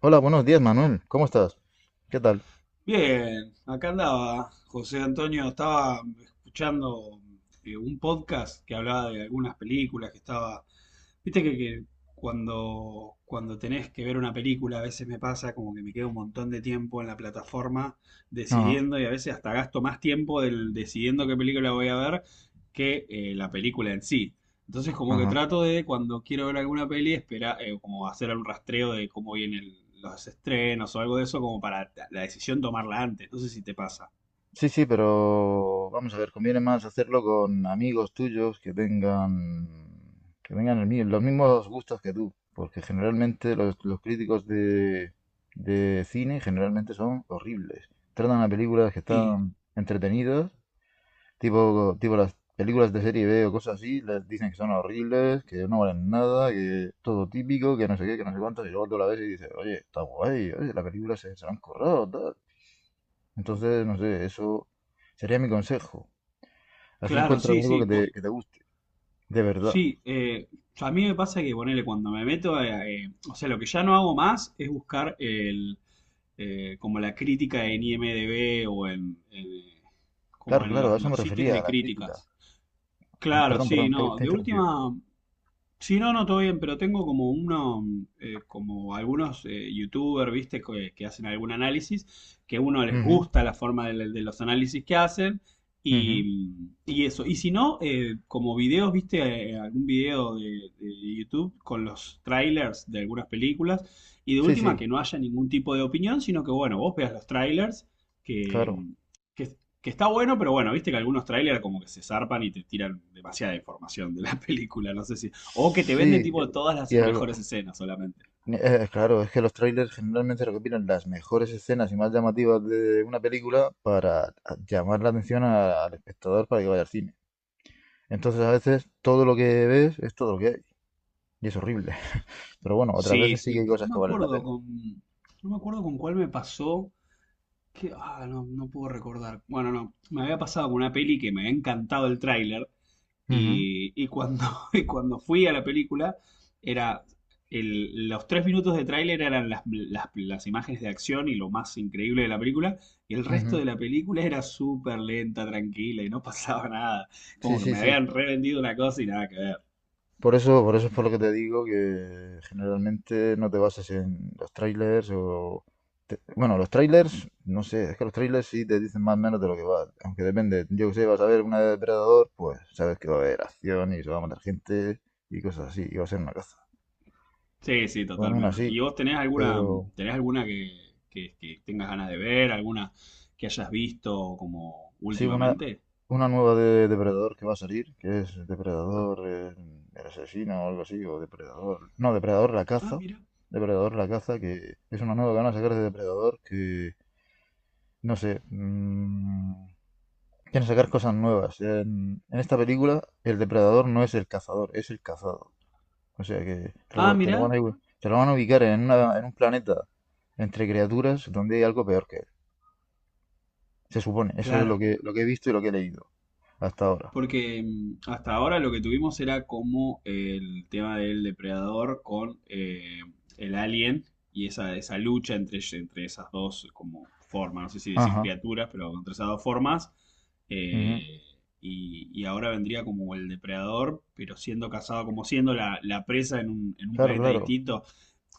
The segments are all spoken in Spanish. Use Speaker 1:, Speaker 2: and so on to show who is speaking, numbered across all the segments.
Speaker 1: Hola, buenos días, Manuel. ¿Cómo estás? ¿Qué tal?
Speaker 2: Bien, acá andaba José Antonio, estaba escuchando un podcast que hablaba de algunas películas que estaba, viste que cuando tenés que ver una película a veces me pasa como que me queda un montón de tiempo en la plataforma
Speaker 1: Ajá,
Speaker 2: decidiendo y a veces hasta gasto más tiempo del decidiendo qué película voy a ver que la película en sí. Entonces como que
Speaker 1: ajá.
Speaker 2: trato de cuando quiero ver alguna peli, espera, como hacer un rastreo de cómo vienen los estrenos o algo de eso, como para la decisión tomarla antes. No sé si te pasa.
Speaker 1: Sí, sí, pero vamos a ver, conviene más hacerlo con amigos tuyos que tengan, los mismos gustos que tú, porque generalmente los críticos de cine generalmente son horribles. Tratan a películas que
Speaker 2: Sí,
Speaker 1: están entretenidas. Tipo las películas de serie B o cosas así, les dicen que son horribles, que no valen nada, que todo típico, que no sé qué, que no sé cuántos, y luego tú la ves y dices, oye, está guay, oye, la película se la han currado, tal. Entonces, no sé, eso sería mi consejo. Así
Speaker 2: claro,
Speaker 1: encuentras
Speaker 2: sí,
Speaker 1: algo que
Speaker 2: sí.
Speaker 1: te, guste, de verdad.
Speaker 2: Sí, a mí me pasa que ponele cuando me meto, o sea, lo que ya no hago más es buscar como la crítica en IMDb o como
Speaker 1: Claro,
Speaker 2: en
Speaker 1: claro, a eso
Speaker 2: los
Speaker 1: me
Speaker 2: sitios
Speaker 1: refería, a
Speaker 2: de
Speaker 1: la crítica.
Speaker 2: críticas. Claro,
Speaker 1: Perdón,
Speaker 2: sí,
Speaker 1: perdón,
Speaker 2: no.
Speaker 1: te he
Speaker 2: De
Speaker 1: interrumpido.
Speaker 2: última, sí, no, no, todo bien, pero tengo como como algunos youtubers, viste, que hacen algún análisis, que a uno les
Speaker 1: Ujú,
Speaker 2: gusta la forma de los análisis que hacen
Speaker 1: ujú.
Speaker 2: y, y eso. Y si no, como videos, viste, algún video de YouTube con los trailers de algunas películas y de
Speaker 1: Sí,
Speaker 2: última
Speaker 1: sí,
Speaker 2: que no haya ningún tipo de opinión, sino que bueno, vos veas los trailers que,
Speaker 1: claro.
Speaker 2: que, que está bueno, pero bueno, viste que algunos trailers como que se zarpan y te tiran demasiada información de la película, no sé si... O que te venden
Speaker 1: Sí.
Speaker 2: tipo todas las
Speaker 1: y al-
Speaker 2: mejores escenas solamente.
Speaker 1: Eh, claro, es que los trailers generalmente recopilan las mejores escenas y más llamativas de una película para llamar la atención al espectador para que vaya al cine. Entonces a veces todo lo que ves es todo lo que hay y es horrible. Pero bueno, otras
Speaker 2: Sí,
Speaker 1: veces sí que
Speaker 2: sí.
Speaker 1: hay
Speaker 2: No,
Speaker 1: cosas
Speaker 2: no
Speaker 1: que
Speaker 2: me
Speaker 1: valen la
Speaker 2: acuerdo
Speaker 1: pena.
Speaker 2: con. No me acuerdo con cuál me pasó. Que, ah, no, no puedo recordar. Bueno, no. Me había pasado con una peli que me había encantado el tráiler.
Speaker 1: Ujú,
Speaker 2: Y, y cuando, y cuando fui a la película, era. Los tres minutos de tráiler eran las imágenes de acción y lo más increíble de la película. Y el resto
Speaker 1: ujú.
Speaker 2: de la película era súper lenta, tranquila y no pasaba nada.
Speaker 1: Sí,
Speaker 2: Como que
Speaker 1: sí,
Speaker 2: me
Speaker 1: sí.
Speaker 2: habían revendido una cosa y nada que ver.
Speaker 1: Por eso es por lo que te digo que generalmente no te bases en los trailers. Bueno, los trailers, no sé, es que los trailers sí te dicen más o menos de lo que va. Aunque depende, yo que sé, vas a ver una de Depredador, pues sabes que va a haber acción y se va a matar gente y cosas así, y va a ser una caza.
Speaker 2: Sí, sí,
Speaker 1: Bueno, aún
Speaker 2: totalmente.
Speaker 1: así,
Speaker 2: ¿Y vos
Speaker 1: pero.
Speaker 2: tenés alguna que tengas ganas de ver, alguna que hayas visto como
Speaker 1: Sí,
Speaker 2: últimamente?
Speaker 1: una nueva de Depredador que va a salir, que es Depredador, el asesino o algo así, o Depredador. No, Depredador la
Speaker 2: Ah,
Speaker 1: caza.
Speaker 2: mira.
Speaker 1: Depredador la caza, que es una nueva que van a sacar de Depredador, que no sé. Quieren sacar cosas nuevas. En esta película, el Depredador no es el cazador, es el cazado. O sea que
Speaker 2: Ah, mira.
Speaker 1: te lo van a ubicar en, un planeta entre criaturas donde hay algo peor que él. Se supone, eso es lo
Speaker 2: Claro.
Speaker 1: que, he visto y lo que he leído hasta ahora.
Speaker 2: Porque mm, hasta ahora lo que tuvimos era como el tema del depredador con el alien y esa lucha entre esas dos como formas, no sé si decir
Speaker 1: Ajá.
Speaker 2: criaturas, pero entre esas dos formas.
Speaker 1: Ujú.
Speaker 2: eh, y, y ahora vendría como el depredador, pero siendo cazado, como siendo la presa en en un
Speaker 1: Claro,
Speaker 2: planeta
Speaker 1: claro.
Speaker 2: distinto.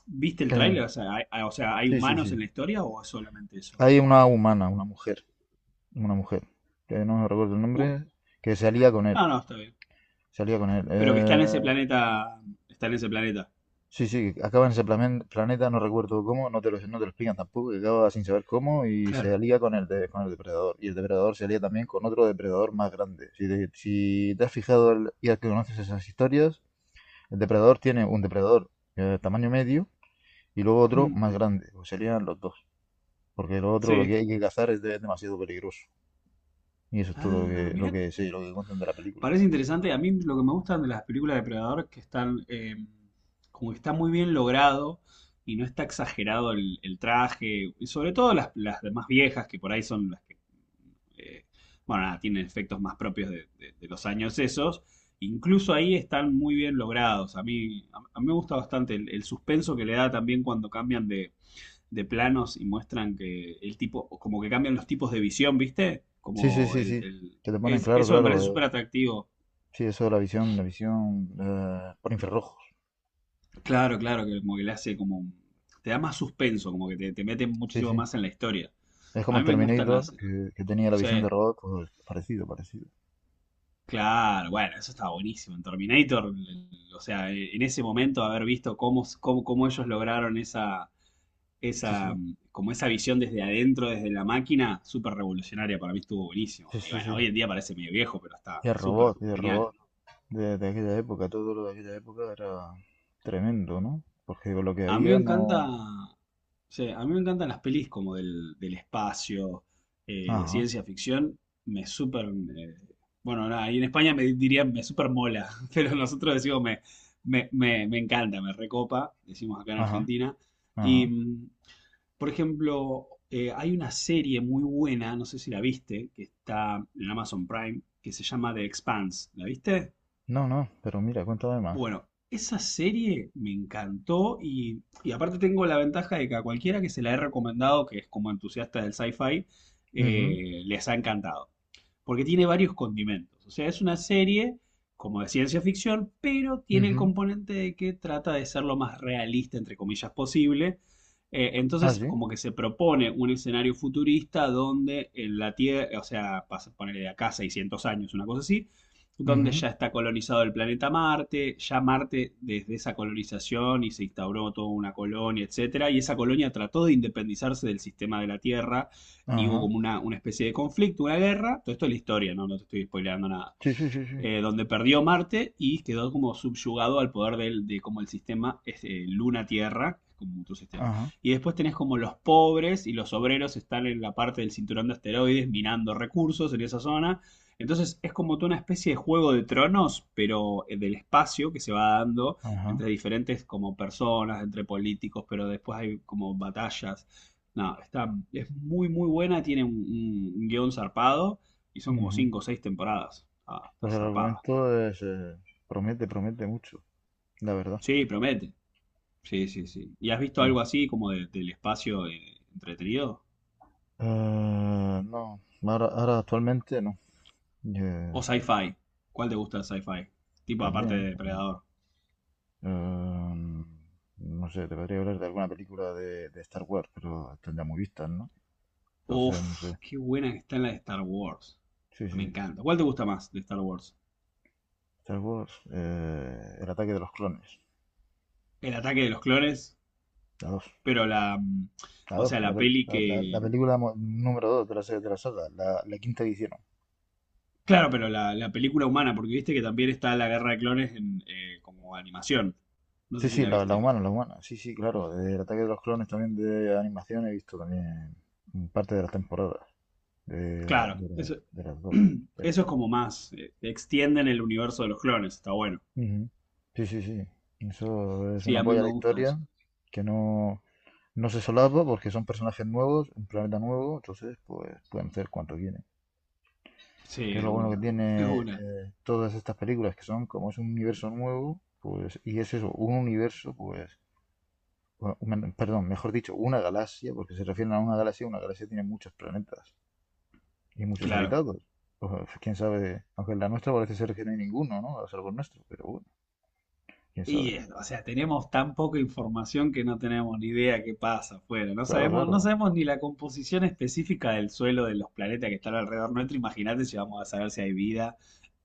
Speaker 2: ¿Viste el
Speaker 1: Eh,
Speaker 2: tráiler? O sea, o sea, ¿hay
Speaker 1: sí, sí,
Speaker 2: humanos
Speaker 1: sí.
Speaker 2: en la historia o es solamente eso?
Speaker 1: Hay una humana, una mujer, una mujer, que no me recuerdo el
Speaker 2: Uh,
Speaker 1: nombre, que salía con él,
Speaker 2: ah, no, está bien.
Speaker 1: salía con él.
Speaker 2: Pero que está
Speaker 1: Eh,
Speaker 2: en ese planeta, está en ese planeta.
Speaker 1: sí, sí, acaba en ese planeta, no recuerdo cómo, no te lo explican tampoco, que acaba sin saber cómo y se
Speaker 2: Claro.
Speaker 1: alía con con el depredador. Y el depredador se alía también con otro depredador más grande. Si te has fijado y al que conoces esas historias, el depredador tiene un depredador de tamaño medio y luego otro
Speaker 2: Hmm,
Speaker 1: más grande, pues serían los dos, porque el otro lo
Speaker 2: sí.
Speaker 1: que hay que cazar es demasiado peligroso. Y eso es
Speaker 2: Ah,
Speaker 1: todo lo que, lo
Speaker 2: mira,
Speaker 1: que sí, lo que cuentan de la película.
Speaker 2: parece interesante. A mí lo que me gustan de las películas de Predador es que están, como que está muy bien logrado y no está exagerado el traje. Y sobre todo las más viejas, que por ahí son las que, eh, bueno, nada, tienen efectos más propios de, de los años esos. Incluso ahí están muy bien logrados. A mí, a mí me gusta bastante el suspenso que le da también cuando cambian de planos y muestran que el tipo, como que cambian los tipos de visión, ¿viste?
Speaker 1: Sí, sí,
Speaker 2: Como
Speaker 1: sí, sí. Que te ponen
Speaker 2: es,
Speaker 1: claro,
Speaker 2: eso me
Speaker 1: claro.
Speaker 2: parece súper atractivo.
Speaker 1: Sí, eso de la visión por infrarrojos.
Speaker 2: Claro, claro, que como que le hace como un- te da más suspenso, como que te mete
Speaker 1: Sí,
Speaker 2: muchísimo
Speaker 1: sí.
Speaker 2: más en la historia.
Speaker 1: Es como
Speaker 2: A
Speaker 1: en
Speaker 2: mí me gustan las,
Speaker 1: Terminator, que tenía la
Speaker 2: sí,
Speaker 1: visión de robot, pues parecido, parecido.
Speaker 2: claro, bueno, eso estaba buenísimo. En Terminator, o sea, en ese momento haber visto cómo ellos lograron esa
Speaker 1: Sí,
Speaker 2: esa,
Speaker 1: sí,
Speaker 2: mm, como esa visión desde adentro, desde la máquina, súper revolucionaria, para mí estuvo buenísimo.
Speaker 1: sí,
Speaker 2: Y
Speaker 1: sí,
Speaker 2: bueno,
Speaker 1: sí.
Speaker 2: hoy en día parece medio viejo, pero
Speaker 1: Y
Speaker 2: está
Speaker 1: el
Speaker 2: súper
Speaker 1: robot, y el
Speaker 2: genial.
Speaker 1: robot de aquella época, todo lo de aquella época era tremendo, ¿no? Porque con lo que
Speaker 2: A mí me
Speaker 1: había
Speaker 2: encanta,
Speaker 1: no.
Speaker 2: sí, a mí me encantan las pelis como del, del espacio, de
Speaker 1: Ajá,
Speaker 2: ciencia ficción, me súper, eh, bueno, nada, y en España me dirían me súper mola, pero nosotros decimos me encanta, me recopa, decimos acá en
Speaker 1: ajá,
Speaker 2: Argentina. Y
Speaker 1: ajá.
Speaker 2: mm, por ejemplo, hay una serie muy buena, no sé si la viste, que está en Amazon Prime, que se llama The Expanse. ¿La viste?
Speaker 1: No, no, pero mira, cuéntame más.
Speaker 2: Bueno, esa serie me encantó y aparte tengo la ventaja de que a cualquiera que se la he recomendado, que es como entusiasta del sci-fi,
Speaker 1: Ujú,
Speaker 2: les ha encantado porque tiene varios condimentos. O sea, es una serie como de ciencia ficción, pero tiene el
Speaker 1: ujú.
Speaker 2: componente de que trata de ser lo más realista, entre comillas, posible.
Speaker 1: Ah,
Speaker 2: Entonces,
Speaker 1: sí.
Speaker 2: como que se propone un escenario futurista donde en la Tierra, o sea, pasa, ponerle de acá 600 años, una cosa así, donde
Speaker 1: Ujú.
Speaker 2: ya está colonizado el planeta Marte, ya Marte desde esa colonización y se instauró toda una colonia, etcétera, y esa colonia trató de independizarse del sistema de la Tierra y hubo
Speaker 1: Ajá.
Speaker 2: como una especie de conflicto, una guerra. Todo esto es la historia, ¿no? No te estoy spoileando nada
Speaker 1: Sí, sí, sí, sí.
Speaker 2: donde perdió Marte y quedó como subyugado al poder del, de como el sistema este, Luna-Tierra, como otro sistema.
Speaker 1: Ajá.
Speaker 2: Y después tenés como los pobres y los obreros están en la parte del cinturón de asteroides minando recursos en esa zona. Entonces es como toda una especie de juego de tronos, pero del espacio que se va dando
Speaker 1: Ajá.
Speaker 2: entre diferentes como personas, entre políticos, pero después hay como batallas. No, está, es muy muy buena, tiene un, un guión zarpado y son como
Speaker 1: Ujú.
Speaker 2: cinco o seis temporadas. Ah, está
Speaker 1: Pues el
Speaker 2: zarpada.
Speaker 1: argumento es, promete, promete mucho, la verdad.
Speaker 2: Sí, promete. Sí, sí, sí. ¿Y has visto
Speaker 1: Bien.
Speaker 2: algo así como del espacio entretenido?
Speaker 1: Eh, no, ahora, actualmente no. Eh,
Speaker 2: ¿O sci-fi? ¿Cuál te gusta de sci-fi? Tipo aparte
Speaker 1: también.
Speaker 2: de Depredador.
Speaker 1: Eh, no sé, te podría hablar de alguna película de Star Wars, pero tendría muy vistas, ¿no? Entonces, no
Speaker 2: Uf,
Speaker 1: sé.
Speaker 2: qué buena que está en la de Star Wars.
Speaker 1: Sí,
Speaker 2: Me
Speaker 1: sí.
Speaker 2: encanta. ¿Cuál te gusta más de Star Wars?
Speaker 1: Star Wars, El ataque de los clones.
Speaker 2: El ataque de los clones,
Speaker 1: La 2.
Speaker 2: pero la... mm,
Speaker 1: La
Speaker 2: o
Speaker 1: 2.
Speaker 2: sea,
Speaker 1: la,
Speaker 2: la
Speaker 1: pel-
Speaker 2: peli
Speaker 1: la- la-
Speaker 2: que...
Speaker 1: la película número dos, de la serie de la saga, la quinta edición.
Speaker 2: Claro, pero la película humana, porque viste que también está la guerra de clones en, como animación. No
Speaker 1: Sí,
Speaker 2: sé si
Speaker 1: sí,
Speaker 2: la
Speaker 1: la
Speaker 2: viste.
Speaker 1: humana, la humana. Sí, sí, claro. Del ataque de los clones también de animación he visto también parte de las temporadas. De, la-
Speaker 2: Claro,
Speaker 1: de la-
Speaker 2: eso,
Speaker 1: de las dos. Sí.
Speaker 2: eso es como más, extienden el universo de los clones, está bueno.
Speaker 1: Ujú. Sí, sí, sí. Eso es
Speaker 2: Sí,
Speaker 1: una
Speaker 2: a mí
Speaker 1: polla a
Speaker 2: me
Speaker 1: la
Speaker 2: gusta eso.
Speaker 1: historia que no, no se solapa porque son personajes nuevos, un planeta nuevo, entonces pues pueden hacer cuanto quieren.
Speaker 2: Sí,
Speaker 1: Que es
Speaker 2: de
Speaker 1: lo bueno que
Speaker 2: una, es
Speaker 1: tiene
Speaker 2: una.
Speaker 1: todas estas películas que son como es un universo nuevo, pues y es eso, un universo, pues bueno, perdón, mejor dicho, una galaxia, porque se refieren a una galaxia tiene muchos planetas y muchos
Speaker 2: Claro.
Speaker 1: habitados. Pues, quién sabe, aunque en la nuestra parece ser que no hay ninguno, ¿no? A salvo nuestro, pero bueno, quién sabe.
Speaker 2: Y, o sea, tenemos tan poca información que no tenemos ni idea qué pasa afuera. No
Speaker 1: Claro,
Speaker 2: sabemos, no
Speaker 1: claro,
Speaker 2: sabemos ni la composición específica del suelo de los planetas que están alrededor nuestro. Imagínate si vamos a saber si hay vida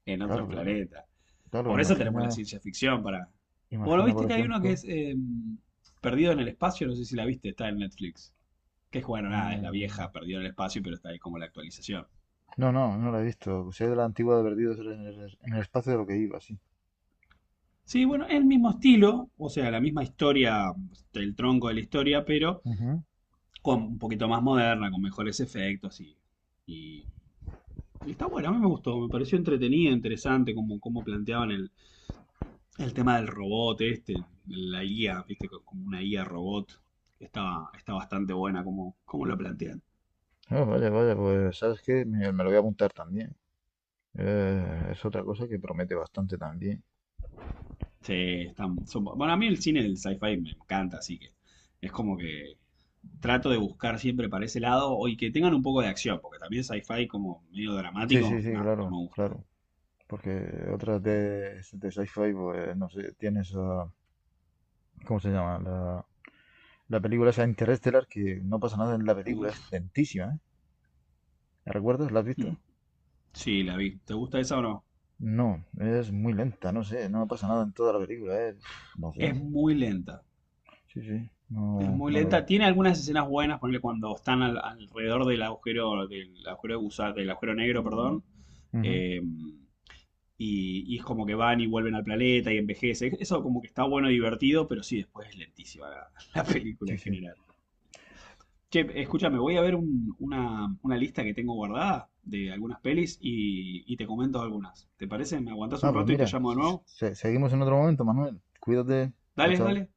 Speaker 2: en otros
Speaker 1: claro, claro.
Speaker 2: planetas.
Speaker 1: Claro,
Speaker 2: Por eso tenemos la
Speaker 1: imagina,
Speaker 2: ciencia ficción para... Bueno,
Speaker 1: imagina, por
Speaker 2: viste que hay uno que
Speaker 1: ejemplo.
Speaker 2: es Perdido en el espacio, no sé si la viste, está en Netflix. Que es, bueno, nada, es la
Speaker 1: mm,
Speaker 2: vieja, perdió el espacio, pero está ahí como la actualización.
Speaker 1: No, no, no la he visto. Soy de la antigua de perdidos en el espacio de lo que iba, sí.
Speaker 2: Sí, bueno, el mismo estilo, o sea, la misma historia, el tronco de la historia, pero
Speaker 1: Ujú.
Speaker 2: con un poquito más moderna, con mejores efectos y y está bueno, a mí me gustó, me pareció entretenida, interesante como, como planteaban el tema del robot este, la IA, viste, como una IA robot. Está, está bastante buena como, como lo plantean.
Speaker 1: Ah, vaya, vaya, pues ¿sabes qué? Me lo voy a apuntar también. Es otra cosa que promete bastante también.
Speaker 2: Sí, están, son- bueno, a mí el cine del sci-fi me encanta, así que es como que trato de buscar siempre para ese lado y que tengan un poco de acción, porque también sci-fi como medio
Speaker 1: Sí, sí,
Speaker 2: dramático,
Speaker 1: sí,
Speaker 2: no, no me
Speaker 1: claro,
Speaker 2: gusta.
Speaker 1: claro. Porque otras de sci-fi, pues, no sé, tienes a. ¿Cómo se llama? La película esa Interstellar, que no pasa nada en la película, es
Speaker 2: Uf.
Speaker 1: lentísima, ¿eh? ¿La recuerdas? ¿La has
Speaker 2: Mm.
Speaker 1: visto?
Speaker 2: Sí, la vi. ¿Te gusta esa o no?
Speaker 1: No, es muy lenta, no sé, no pasa nada en toda la película, ¿eh? No sé,
Speaker 2: Es muy lenta.
Speaker 1: sí, sí,
Speaker 2: Es
Speaker 1: no,
Speaker 2: muy
Speaker 1: no me
Speaker 2: lenta.
Speaker 1: gusta.
Speaker 2: Tiene algunas escenas buenas, ponle cuando están al- alrededor del agujero, del agujero del agujero negro, perdón.
Speaker 1: Ujú,
Speaker 2: Eh, y, y es como que van y vuelven al planeta y envejece. Eso como que está bueno y divertido, pero sí, después es lentísima la, la película
Speaker 1: sí,
Speaker 2: en
Speaker 1: sí.
Speaker 2: general. Che, escúchame, voy a ver un- una lista que tengo guardada de algunas pelis y te comento algunas. ¿Te parece? ¿Me aguantás
Speaker 1: Ah,
Speaker 2: un
Speaker 1: pues
Speaker 2: rato y te
Speaker 1: mira,
Speaker 2: llamo de nuevo?
Speaker 1: seguimos en otro momento, Manuel. Cuídate, chao,
Speaker 2: Dale,
Speaker 1: chao.
Speaker 2: dale.